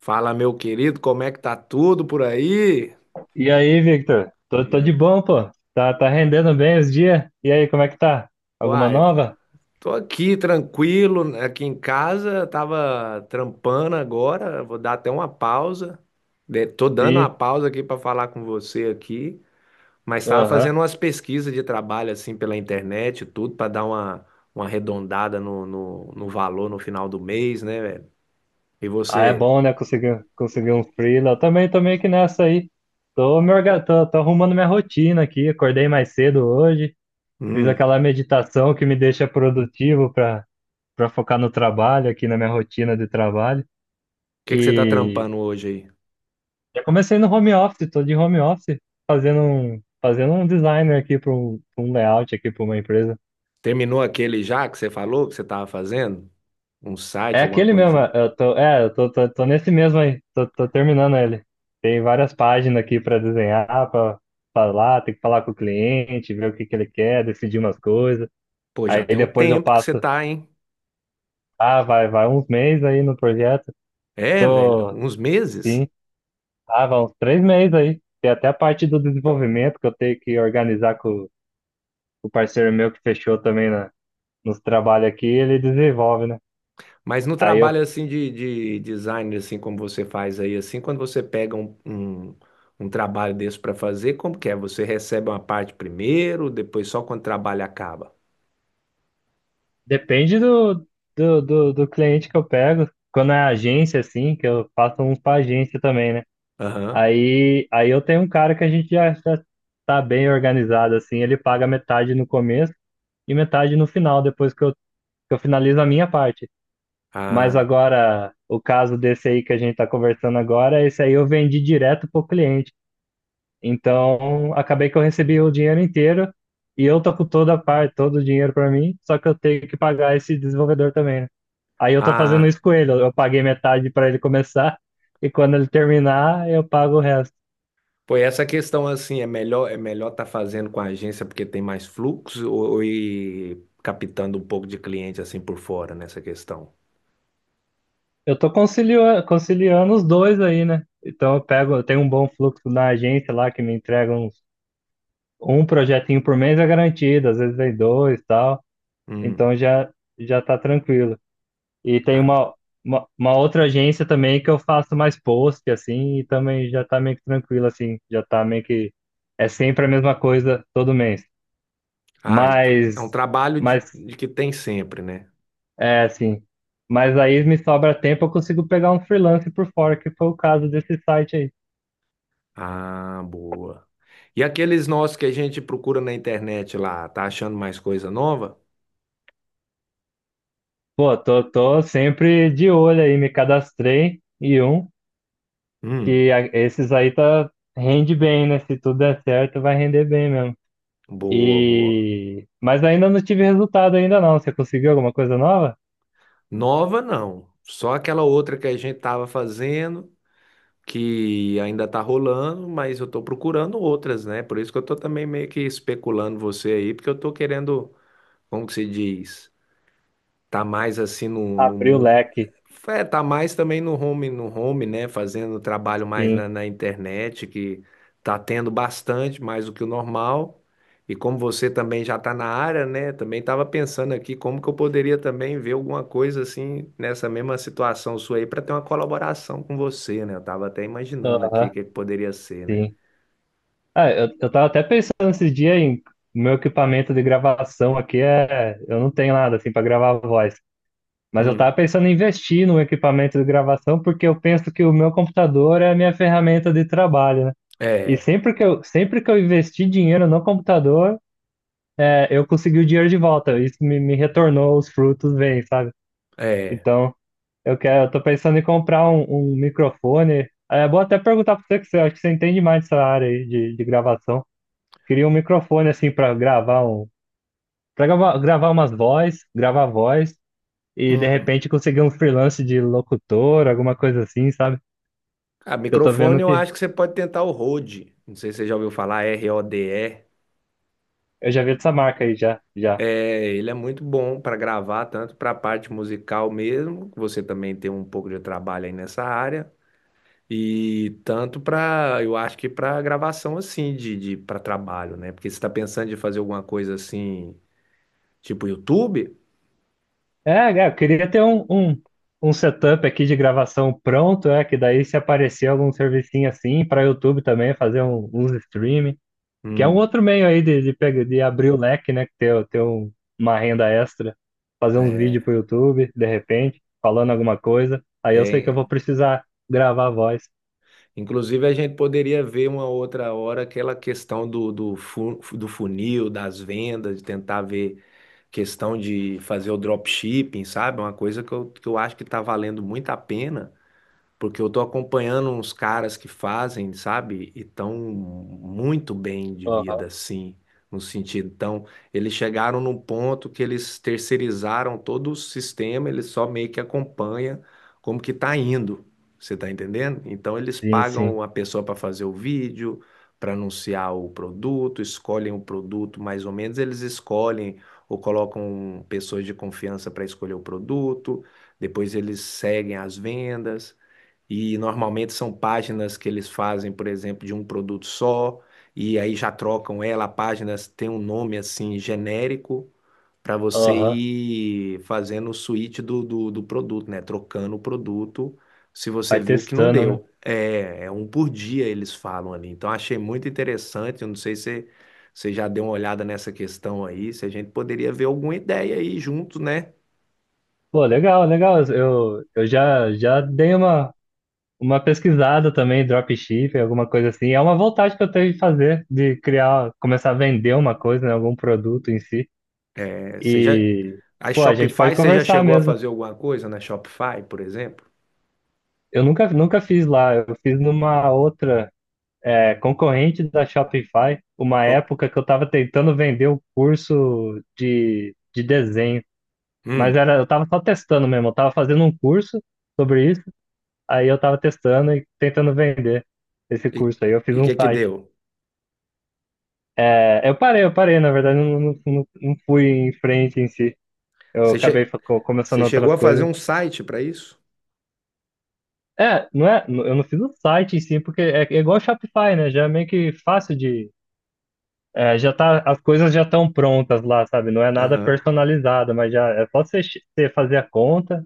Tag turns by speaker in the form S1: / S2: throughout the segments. S1: Fala, meu querido, como é que tá tudo por aí?
S2: E aí, Victor? Tô de bom, pô. Tá rendendo bem os dias? E aí, como é que tá? Alguma
S1: Uai,
S2: nova?
S1: tô aqui tranquilo, aqui em casa, tava trampando agora, vou dar até uma pausa. Tô dando uma
S2: Sim.
S1: pausa aqui para falar com você aqui, mas tava fazendo
S2: Aham.
S1: umas pesquisas de trabalho assim pela internet, e tudo para dar uma arredondada no valor no final do mês, né, velho? E
S2: Ah, é
S1: você?
S2: bom, né? Conseguir um freela. Eu também tô meio que nessa aí. Tô, me orga... tô, tô arrumando minha rotina aqui. Acordei mais cedo hoje. Fiz
S1: O
S2: aquela meditação que me deixa produtivo pra focar no trabalho, aqui na minha rotina de trabalho.
S1: que que você tá
S2: E
S1: trampando hoje.
S2: já comecei no home office. Tô de home office fazendo um designer aqui pra um layout aqui para uma empresa.
S1: Terminou aquele já que você falou que você estava fazendo? Um
S2: É
S1: site, alguma
S2: aquele mesmo, é,
S1: coisinha?
S2: eu tô, é, eu tô, tô, tô nesse mesmo aí, tô terminando ele. Tem várias páginas aqui para desenhar, para falar, tem que falar com o cliente, ver o que que ele quer, decidir umas coisas.
S1: Pô, já
S2: Aí
S1: tem um
S2: depois eu
S1: tempo que você
S2: passo,
S1: tá, hein?
S2: ah, vai uns meses aí no projeto.
S1: É, velho,
S2: Tô,
S1: uns meses.
S2: sim, ah, vai uns 3 meses aí. Tem até a parte do desenvolvimento que eu tenho que organizar com o parceiro meu que fechou também nos trabalhos aqui, ele desenvolve, né?
S1: Mas no
S2: Aí eu
S1: trabalho assim de, design, assim como você faz aí, assim, quando você pega um trabalho desse para fazer, como que é? Você recebe uma parte primeiro, depois só quando o trabalho acaba?
S2: Depende do cliente que eu pego. Quando é agência, assim, que eu faço uns para agência também, né?
S1: Aham.
S2: Aí eu tenho um cara que a gente já tá bem organizado, assim, ele paga metade no começo e metade no final, depois que eu finalizo a minha parte. Mas
S1: Ah,
S2: agora, o caso desse aí que a gente tá conversando agora, esse aí eu vendi direto pro cliente. Então, acabei que eu recebi o dinheiro inteiro e eu tô com toda a parte, todo o dinheiro para mim, só que eu tenho que pagar esse desenvolvedor também, né? Aí eu tô fazendo
S1: ah.
S2: isso com ele. Eu paguei metade para ele começar e quando ele terminar, eu pago o resto.
S1: Pô, e essa questão assim, é melhor tá fazendo com a agência porque tem mais fluxo ou ir captando um pouco de cliente assim por fora nessa questão?
S2: Eu tô conciliando os dois aí, né? Então eu tenho um bom fluxo na agência lá que me entrega um projetinho por mês é garantido, às vezes vem dois, e tal.
S1: Hum.
S2: Então já tá tranquilo. E tem
S1: Ah,
S2: uma outra agência também que eu faço mais post assim, e também já tá meio que tranquilo assim, já tá meio que é sempre a mesma coisa todo mês.
S1: ah, então, é
S2: Mas
S1: um trabalho de,
S2: mas
S1: de que tem sempre, né?
S2: é, assim. Mas aí me sobra tempo, eu consigo pegar um freelance por fora, que foi o caso desse site aí.
S1: Ah, boa. E aqueles nossos que a gente procura na internet lá, tá achando mais coisa nova?
S2: Pô, tô sempre de olho aí, me cadastrei
S1: Hum.
S2: esses aí tá, rende bem, né? Se tudo der certo, vai render bem mesmo.
S1: Boa, boa.
S2: Mas ainda não tive resultado ainda não. Você conseguiu alguma coisa nova?
S1: Nova não, só aquela outra que a gente tava fazendo, que ainda tá rolando, mas eu tô procurando outras, né? Por isso que eu tô também meio que especulando você aí, porque eu tô querendo, como que se diz? Tá mais assim no,
S2: Abriu o
S1: mundo.
S2: leque,
S1: É, tá mais também no home, né? Fazendo trabalho mais na,
S2: sim.
S1: na internet, que tá tendo bastante, mais do que o normal. E como você também já tá na área, né? Também tava pensando aqui como que eu poderia também ver alguma coisa assim nessa mesma situação sua aí para ter uma colaboração com você, né? Eu tava até imaginando aqui o
S2: Aham,
S1: que que poderia ser, né?
S2: sim. Ah, eu tava até pensando esses dias em meu equipamento de gravação aqui. Eu não tenho nada assim pra gravar voz. Mas eu
S1: Hum,
S2: tava pensando em investir no equipamento de gravação porque eu penso que o meu computador é a minha ferramenta de trabalho, né? E
S1: é,
S2: sempre que eu investi dinheiro no computador, eu consegui o dinheiro de volta. Isso me retornou os frutos, bem, sabe?
S1: é.
S2: Então, eu tô pensando em comprar um microfone. É bom até perguntar pra você que você acho que você entende mais dessa área aí de gravação. Queria um microfone assim pra gravar um, para gravar, gravar umas vozes, gravar voz e de
S1: Hum.
S2: repente conseguir um freelance de locutor, alguma coisa assim, sabe?
S1: A
S2: Eu tô
S1: microfone
S2: vendo
S1: eu
S2: que
S1: acho que você pode tentar o Rode. Não sei se você já ouviu falar, Rode.
S2: eu já vi dessa marca aí, já, já.
S1: É, ele é muito bom para gravar, tanto para a parte musical mesmo, que você também tem um pouco de trabalho aí nessa área, e tanto para, eu acho que para gravação assim, de, para trabalho, né? Porque você está pensando em fazer alguma coisa assim, tipo YouTube?
S2: É, é, eu queria ter um setup aqui de gravação pronto, que daí se aparecer algum servicinho assim para YouTube também, fazer uns streaming, que é um
S1: Hum,
S2: outro meio aí de abrir o leque, né? que Ter, ter um- uma renda extra, fazer uns vídeos
S1: é,
S2: pro YouTube, de repente, falando alguma coisa. Aí eu sei que eu
S1: é.
S2: vou precisar gravar a voz.
S1: Inclusive a gente poderia ver uma outra hora aquela questão do funil, das vendas, de tentar ver questão de fazer o dropshipping, sabe? Uma coisa que eu acho que está valendo muito a pena porque eu tô acompanhando uns caras que fazem, sabe? E tão muito bem de
S2: Aham,
S1: vida, assim, no sentido. Então, eles chegaram num ponto que eles terceirizaram todo o sistema, eles só meio que acompanham como que tá indo. Você tá entendendo? Então, eles
S2: sim,
S1: pagam
S2: sim.
S1: a pessoa para fazer o vídeo, para anunciar o produto, escolhem o produto, mais ou menos eles escolhem ou colocam pessoas de confiança para escolher o produto, depois eles seguem as vendas. E normalmente são páginas que eles fazem, por exemplo, de um produto só, e aí já trocam ela. A página tem um nome assim genérico para você
S2: Aham.
S1: ir fazendo o switch do, do produto, né? Trocando o produto se você
S2: Vai
S1: viu que não
S2: testando, né?
S1: deu. É, é um por dia eles falam ali. Então achei muito interessante. Eu não sei se você já deu uma olhada nessa questão aí, se a gente poderia ver alguma ideia aí junto, né?
S2: Pô, legal, legal. Eu já dei uma pesquisada também, dropshipping, alguma coisa assim. É uma vontade que eu tenho de fazer, de criar, começar a vender uma coisa, né, algum produto em si.
S1: É, você já,
S2: E,
S1: a
S2: pô, a gente pode
S1: Shopify, você já
S2: conversar
S1: chegou a
S2: mesmo.
S1: fazer alguma coisa na Shopify, por exemplo?
S2: Eu nunca, nunca fiz lá, eu fiz numa outra, concorrente da Shopify, uma
S1: Com-
S2: época que eu tava tentando vender o curso de desenho. Mas
S1: Hum,
S2: era, eu tava só testando mesmo, eu tava fazendo um curso sobre isso. Aí eu tava testando e tentando vender esse
S1: e
S2: curso aí. Eu fiz
S1: o
S2: um
S1: que que
S2: site.
S1: deu?
S2: É, eu parei, na verdade, eu não fui em frente em si. Eu
S1: Você,
S2: acabei
S1: che-
S2: começando
S1: você chegou
S2: outras
S1: a fazer
S2: coisas.
S1: um site para isso?
S2: É, não é, eu não fiz o site em si, porque é igual Shopify, né? Já é meio que fácil de. Já tá, as coisas já estão prontas lá, sabe? Não é nada
S1: Aham.
S2: personalizado, mas já é só você fazer a conta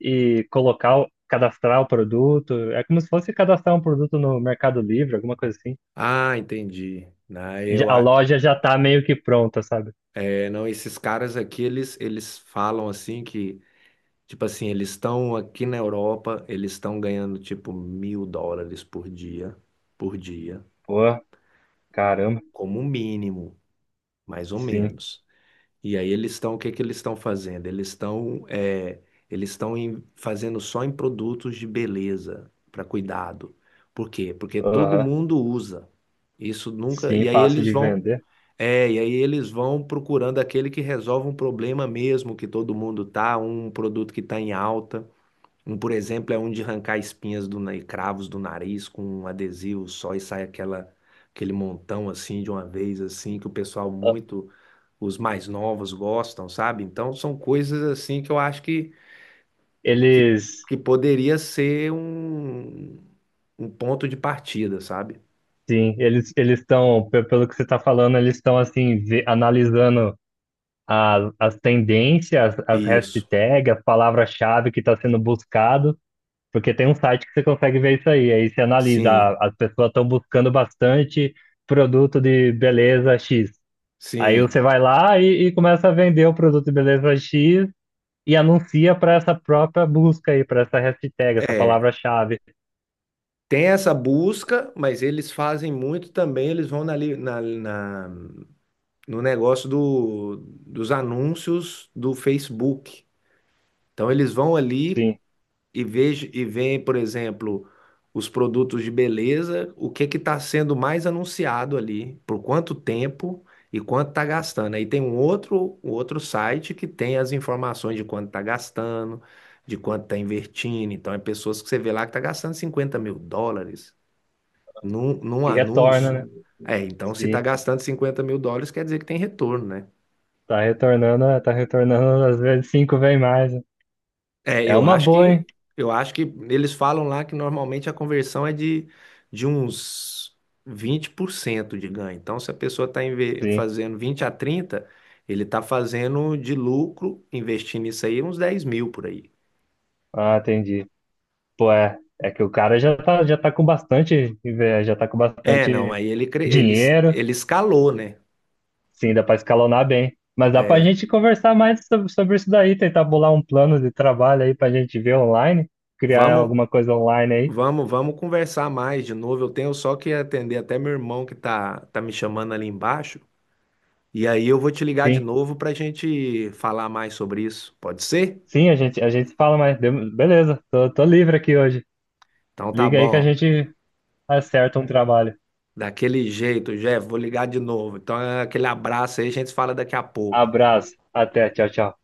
S2: e cadastrar o produto. É como se fosse cadastrar um produto no Mercado Livre, alguma coisa assim.
S1: Ah, entendi. Na-
S2: Já-
S1: eu,
S2: A
S1: a-
S2: loja já tá meio que pronta, sabe?
S1: é, não, esses caras aqui, eles falam assim que, tipo assim, eles estão aqui na Europa, eles estão ganhando tipo mil dólares por dia,
S2: Pô, caramba.
S1: como mínimo, mais ou
S2: Sim.
S1: menos. E aí eles estão, o que que eles estão fazendo? Eles estão é, eles estão em- fazendo só em produtos de beleza para cuidado. Por quê? Porque todo
S2: Aham.
S1: mundo usa. Isso nunca.
S2: Sim,
S1: E aí
S2: fácil
S1: eles
S2: de
S1: vão,
S2: vender.
S1: é, e aí eles vão procurando aquele que resolve um problema mesmo que todo mundo tá, um produto que está em alta. Um, por exemplo, é um de arrancar espinhas e cravos do nariz com um adesivo só e sai aquele montão assim de uma vez assim que o pessoal muito os mais novos gostam, sabe? Então são coisas assim que eu acho que,
S2: Eles,
S1: que poderia ser um, ponto de partida, sabe?
S2: sim, eles estão, pelo que você está falando, eles estão assim analisando as tendências, as
S1: Isso.
S2: hashtags, as palavras-chave que está sendo buscado, porque tem um site que você consegue ver isso aí. Aí você analisa,
S1: Sim,
S2: ah, as pessoas estão buscando bastante produto de beleza X. Aí
S1: sim.
S2: você vai lá e começa a vender o produto de beleza X e anuncia para essa própria busca aí, para essa hashtag, essa
S1: É.
S2: palavra-chave.
S1: Tem essa busca, mas eles fazem muito também, eles vão na, li- na, na- no negócio dos anúncios do Facebook. Então eles vão ali,
S2: Sim.
S1: e vejo e vem, por exemplo, os produtos de beleza, o que que está sendo mais anunciado ali, por quanto tempo e quanto está gastando. Aí tem um outro, site que tem as informações de quanto está gastando, de quanto está invertindo. Então, é pessoas que você vê lá que está gastando 50.000 dólares num
S2: E retorna, né?
S1: anúncio. É, então se está
S2: Sim.
S1: gastando 50.000 dólares, quer dizer que tem retorno, né?
S2: Tá retornando, às vezes cinco vem mais, né?
S1: É,
S2: É
S1: eu
S2: uma
S1: acho
S2: boa,
S1: que
S2: hein?
S1: eu acho que eles falam lá que normalmente a conversão é de uns 20% de ganho. Então, se a pessoa está
S2: Sim.
S1: fazendo 20 a 30, ele está fazendo de lucro, investindo isso aí, uns 10.000 por aí.
S2: Ah, entendi. Pô, é que o cara já tá com bastante, eh, já tá com
S1: É, não,
S2: bastante
S1: aí ele, cre- ele, es-
S2: dinheiro.
S1: ele escalou, né?
S2: Sim, dá pra escalonar bem. Mas dá pra gente conversar mais sobre isso daí, tentar bolar um plano de trabalho aí pra gente ver online, criar
S1: Vamos,
S2: alguma coisa online aí.
S1: vamos, vamos conversar mais de novo. Eu tenho só que atender até meu irmão que tá me chamando ali embaixo. E aí eu vou te ligar de
S2: Sim.
S1: novo para a gente falar mais sobre isso. Pode ser?
S2: Sim, a gente se fala, beleza, tô livre aqui hoje.
S1: Então tá
S2: Liga aí que a
S1: bom.
S2: gente acerta um trabalho.
S1: Daquele jeito, Jeff, vou ligar de novo. Então é aquele abraço aí, a gente se fala daqui a pouco.
S2: Abraço, até, tchau, tchau.